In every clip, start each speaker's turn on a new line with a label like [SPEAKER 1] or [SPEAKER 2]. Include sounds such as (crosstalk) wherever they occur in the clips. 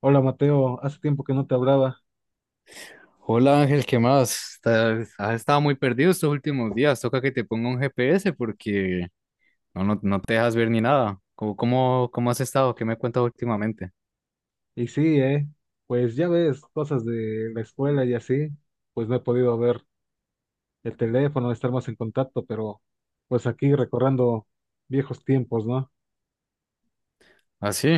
[SPEAKER 1] Hola Mateo, hace tiempo que no te hablaba.
[SPEAKER 2] Hola Ángel, ¿qué más? Has estado muy perdido estos últimos días. Toca que te ponga un GPS porque no, no, no te dejas ver ni nada. ¿Cómo has estado? ¿Qué me cuentas últimamente?
[SPEAKER 1] Y sí, eh, pues ya ves, cosas de la escuela y así, pues no he podido ver el teléfono, estar más en contacto, pero pues aquí recordando viejos tiempos, ¿no?
[SPEAKER 2] Ah, sí.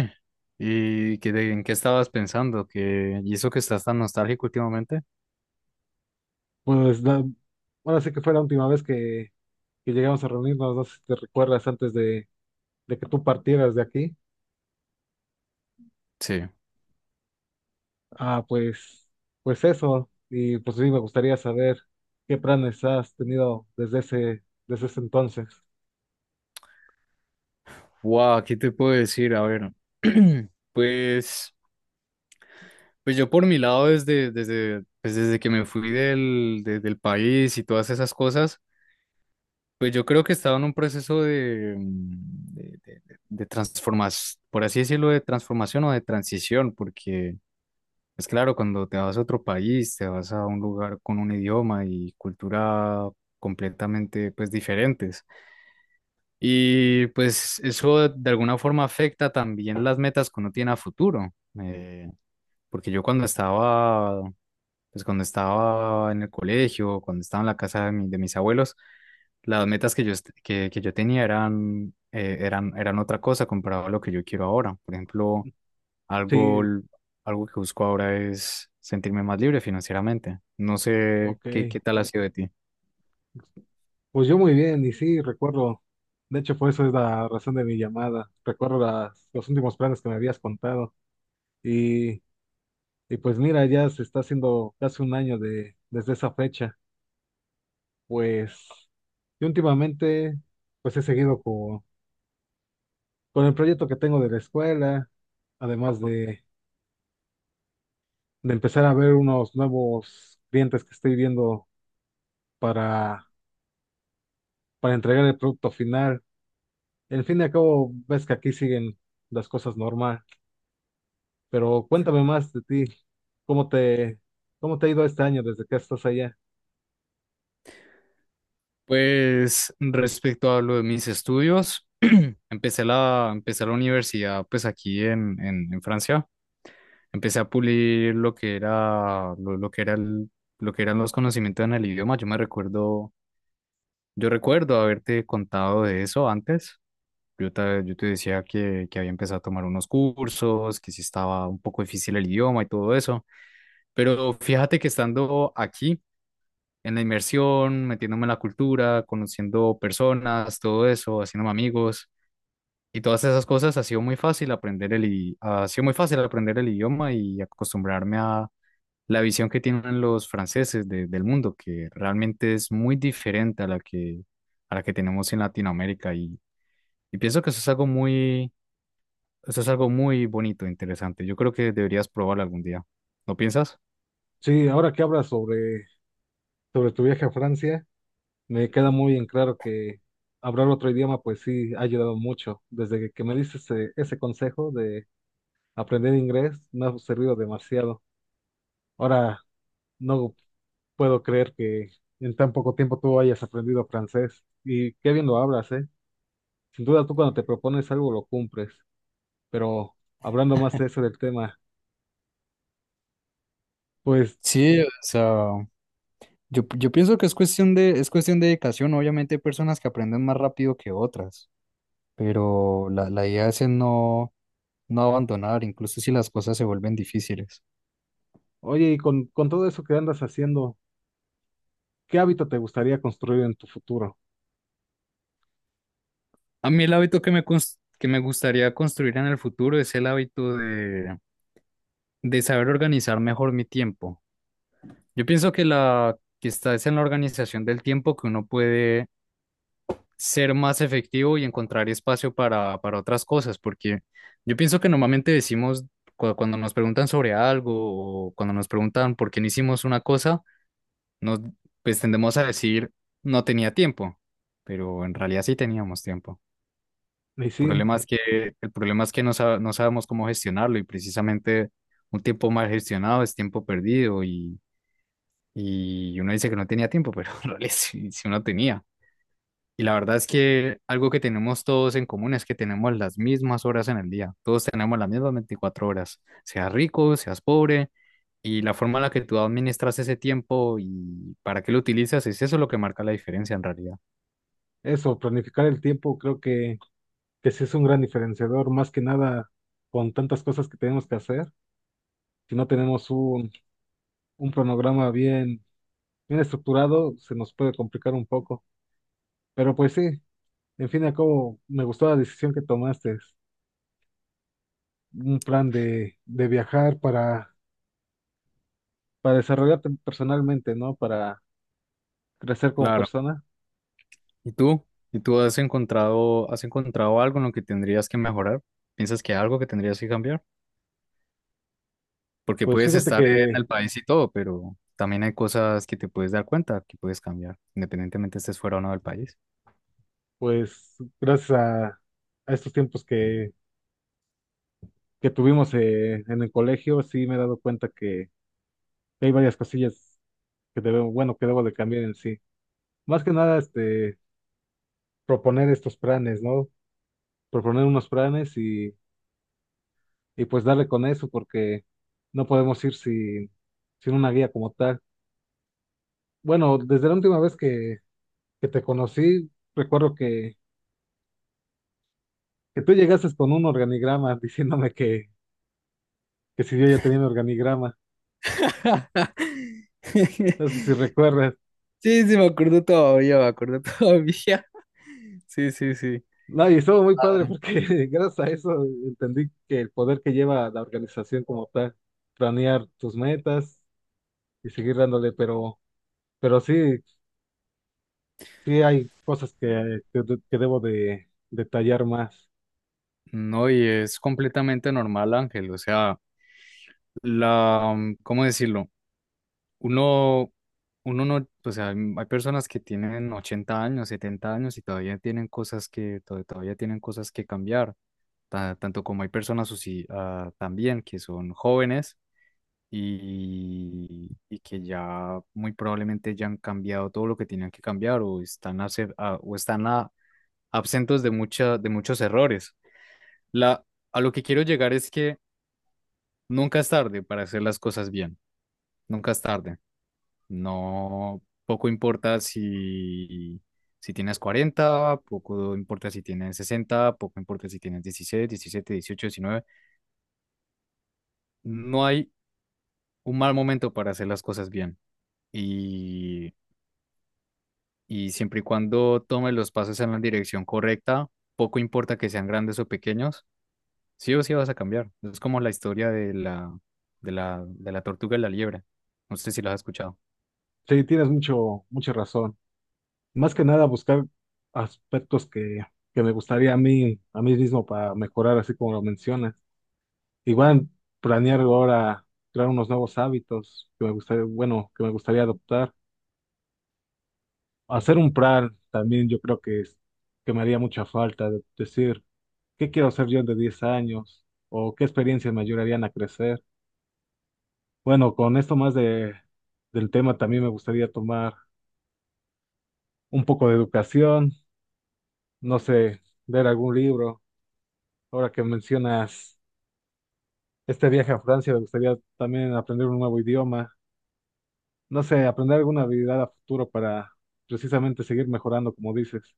[SPEAKER 2] ¿Y en qué estabas pensando? ¿Y eso que estás tan nostálgico últimamente?
[SPEAKER 1] Pues la- Ahora sí que fue la última vez que llegamos a reunirnos, no sé si te recuerdas de que tú partieras de aquí.
[SPEAKER 2] Sí.
[SPEAKER 1] Ah, pues, pues eso, y pues sí, me gustaría saber qué planes has tenido desde ese entonces.
[SPEAKER 2] Wow, ¿qué te puedo decir? A ver, (clears throat) pues, pues yo por mi lado, desde que me fui del país y todas esas cosas. Pues yo creo que estaba en un proceso de, por así decirlo, de transformación o de transición, porque es claro, cuando te vas a otro país, te vas a un lugar con un idioma y cultura completamente pues diferentes. Y pues eso de alguna forma afecta también las metas que uno tiene a futuro. eh, Porque yo cuando estaba en el colegio, cuando estaba en la casa de mis abuelos, las metas que que yo tenía eran otra cosa comparado a lo que yo quiero ahora. Por ejemplo, algo,
[SPEAKER 1] Sí,
[SPEAKER 2] l- algo que busco ahora es sentirme más libre financieramente. No sé
[SPEAKER 1] ok.
[SPEAKER 2] qué tal ha sido de ti.
[SPEAKER 1] Pues yo muy bien, y sí, recuerdo, de hecho, por eso es la razón de mi llamada, recuerdo los últimos planes que me habías contado, y, y pues mira, ya se está haciendo casi un año desde esa fecha, pues, y últimamente, pues he seguido con el proyecto que tengo de la escuela, además de, de empezar a ver unos nuevos clientes que estoy viendo para, para entregar el producto final. En fin y al cabo, ves que aquí siguen las cosas normal. Pero cuéntame más de ti, ¿cómo te, ¿cómo te ha ido este año desde que estás allá?
[SPEAKER 2] Pues respecto a lo de mis estudios, empecé la universidad pues aquí en Francia. Empecé a pulir lo que eran los conocimientos en el idioma. Yo recuerdo haberte contado de eso antes. Yo te decía que había empezado a tomar unos cursos, que sí estaba un poco difícil el idioma y todo eso. Pero fíjate que estando aquí, en la inmersión, metiéndome en la cultura, conociendo personas, todo eso, haciéndome amigos. Y todas esas cosas ha sido muy fácil aprender el, i- ha sido muy fácil aprender el idioma y acostumbrarme a la visión que tienen los franceses del mundo, que realmente es muy diferente a la que tenemos en Latinoamérica. Y pienso que eso es algo muy bonito, interesante. Yo creo que deberías probarlo algún día. ¿No piensas?
[SPEAKER 1] Sí, ahora que hablas sobre tu viaje a Francia, me queda muy en claro que hablar otro idioma pues sí ha ayudado mucho. Desde que me diste ese consejo de aprender inglés, me ha servido demasiado. Ahora no puedo creer que en tan poco tiempo tú hayas aprendido francés y qué bien lo hablas, ¿eh? Sin duda tú cuando te propones algo lo cumples, pero hablando más de eso del tema. Pues
[SPEAKER 2] Sí, o sea, yo pienso que es cuestión de dedicación. Obviamente hay personas que aprenden más rápido que otras, pero la idea es en no, no abandonar, incluso si las cosas se vuelven difíciles.
[SPEAKER 1] oye, y con todo eso que andas haciendo, ¿qué hábito te gustaría construir en tu futuro?
[SPEAKER 2] A mí el hábito que me gustaría construir en el futuro es el hábito de saber organizar mejor mi tiempo. Yo pienso que la que está es en la organización del tiempo que uno puede ser más efectivo y encontrar espacio para otras cosas, porque yo pienso que normalmente decimos cuando nos preguntan sobre algo o cuando nos preguntan por qué no hicimos una cosa, nos pues tendemos a decir no tenía tiempo, pero en realidad sí teníamos tiempo.
[SPEAKER 1] Y sí,
[SPEAKER 2] problema es que, el problema es que no sabemos cómo gestionarlo y precisamente un tiempo mal gestionado es tiempo perdido y uno dice que no tenía tiempo, pero (laughs) en realidad sí, sí uno tenía. Y la verdad es que algo que tenemos todos en común es que tenemos las mismas horas en el día, todos tenemos las mismas 24 horas, seas rico, seas pobre, y la forma en la que tú administras ese tiempo y para qué lo utilizas es eso lo que marca la diferencia en realidad.
[SPEAKER 1] eso, planificar el tiempo creo que sí es un gran diferenciador, más que nada con tantas cosas que tenemos que hacer. Si no tenemos un cronograma bien estructurado, se nos puede complicar un poco. Pero pues sí, en fin y al cabo, me gustó la decisión que tomaste, un plan de viajar para desarrollarte personalmente, ¿no? Para crecer como persona.
[SPEAKER 2] ¿Y tú? ¿Y tú has encontrado algo en lo que tendrías que mejorar? ¿Piensas que hay algo que tendrías que cambiar? Porque
[SPEAKER 1] Pues
[SPEAKER 2] puedes
[SPEAKER 1] fíjate
[SPEAKER 2] estar en
[SPEAKER 1] que
[SPEAKER 2] el país y todo, pero también hay cosas que te puedes dar cuenta que puedes cambiar, independientemente estés fuera o no del país.
[SPEAKER 1] pues gracias a estos tiempos que tuvimos en el colegio, sí me he dado cuenta que hay varias cosillas que debo, bueno, que debo de cambiar en sí. Más que nada, proponer estos planes, ¿no? Proponer unos planes y pues darle con eso, porque no podemos ir sin una guía como tal. Bueno, desde la última vez que te conocí, recuerdo que tú llegaste con un organigrama (laughs) diciéndome que si yo ya tenía un organigrama.
[SPEAKER 2] (laughs)
[SPEAKER 1] No sé si recuerdas.
[SPEAKER 2] Sí, sí, me acuerdo todavía, me acuerdo todavía. (laughs) Sí, sí, sí.
[SPEAKER 1] No, y estuvo muy padre porque (laughs) gracias a eso entendí que el poder que lleva la organización como tal, planear tus metas y seguir dándole, pero sí, sí hay cosas que debo de detallar más.
[SPEAKER 2] No, y es completamente normal, Ángel. O sea, la, ¿cómo decirlo? Uno, uno no, o sea, hay personas que tienen 80 años, 70 años, y todavía tienen cosas que, to- todavía tienen cosas que cambiar, tanto como hay personas así, también que son jóvenes y que ya muy probablemente ya han cambiado todo lo que tenían que cambiar o están absentos de, mucha, de muchos errores. La, a lo que quiero llegar es que nunca es tarde para hacer las cosas bien, nunca es tarde. No, poco importa si tienes 40, poco importa si tienes 60, poco importa si tienes 16, 17, 18, 19. No hay un mal momento para hacer las cosas bien. Y, y siempre y cuando tomes los pasos en la dirección correcta, poco importa que sean grandes o pequeños, sí o sí vas a cambiar. Es como la historia de la tortuga y la liebre. No sé si lo has escuchado.
[SPEAKER 1] Sí, tienes mucha razón. Más que nada buscar aspectos que me gustaría a mí mismo para mejorar, así como lo mencionas. Igual planear ahora crear unos nuevos hábitos que me gustaría, bueno, que me gustaría adoptar. Hacer un plan también yo creo que me haría mucha falta. Decir, ¿qué quiero hacer yo de 10 años? ¿O qué experiencias me ayudarían a crecer? Bueno, con esto más del tema también me gustaría tomar un poco de educación, no sé, leer algún libro. Ahora que mencionas este viaje a Francia, me gustaría también aprender un nuevo idioma. No sé, aprender alguna habilidad a futuro para precisamente seguir mejorando, como dices.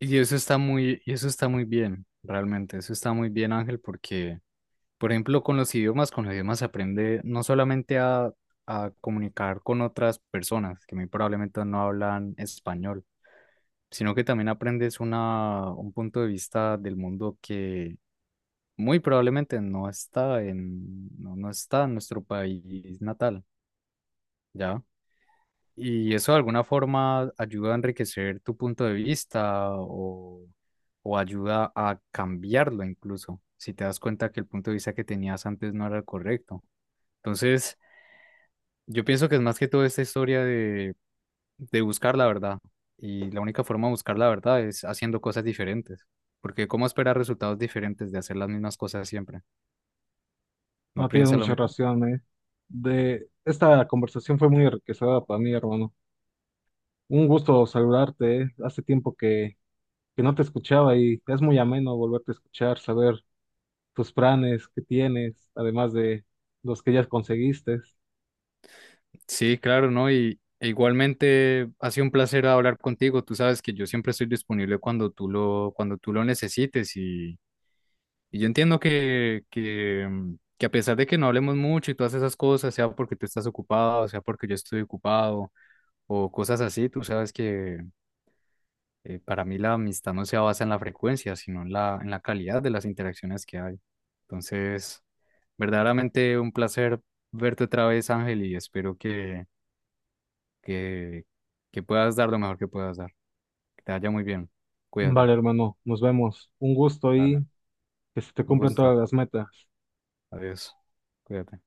[SPEAKER 2] Y eso está muy bien, realmente. Eso está muy bien, Ángel, porque, por ejemplo, con los idiomas se aprende no solamente a comunicar con otras personas que muy probablemente no hablan español, sino que también aprendes un punto de vista del mundo que muy probablemente no está en nuestro país natal, ¿ya? Y eso de alguna forma ayuda a enriquecer tu punto de vista o ayuda a cambiarlo incluso, si te das cuenta que el punto de vista que tenías antes no era el correcto. Entonces, yo pienso que es más que todo esta historia de buscar la verdad. Y la única forma de buscar la verdad es haciendo cosas diferentes. Porque ¿cómo esperar resultados diferentes de hacer las mismas cosas siempre? ¿No
[SPEAKER 1] No, tienes
[SPEAKER 2] piensa lo
[SPEAKER 1] mucha
[SPEAKER 2] mismo?
[SPEAKER 1] razón, eh. De esta conversación fue muy enriquecedora para mí, hermano. Un gusto saludarte, eh. Hace tiempo que no te escuchaba y es muy ameno volverte a escuchar, saber tus planes que tienes, además de los que ya conseguiste.
[SPEAKER 2] Sí, claro, ¿no? Y e igualmente ha sido un placer hablar contigo. Tú sabes que yo siempre estoy disponible cuando tú lo necesites. Y yo entiendo que a pesar de que no hablemos mucho y todas esas cosas, sea porque tú estás ocupado, sea porque yo estoy ocupado o cosas así, tú sabes que. Para mí la amistad no se basa en la frecuencia, sino en la calidad de las interacciones que hay. Entonces, verdaderamente un placer verte otra vez, Ángel, y espero que, que puedas dar lo mejor que puedas dar. Que te vaya muy bien. Cuídate.
[SPEAKER 1] Vale, hermano, nos vemos. Un gusto
[SPEAKER 2] Dale.
[SPEAKER 1] y que se te
[SPEAKER 2] Un
[SPEAKER 1] cumplan
[SPEAKER 2] gusto.
[SPEAKER 1] todas las metas.
[SPEAKER 2] Adiós. Cuídate.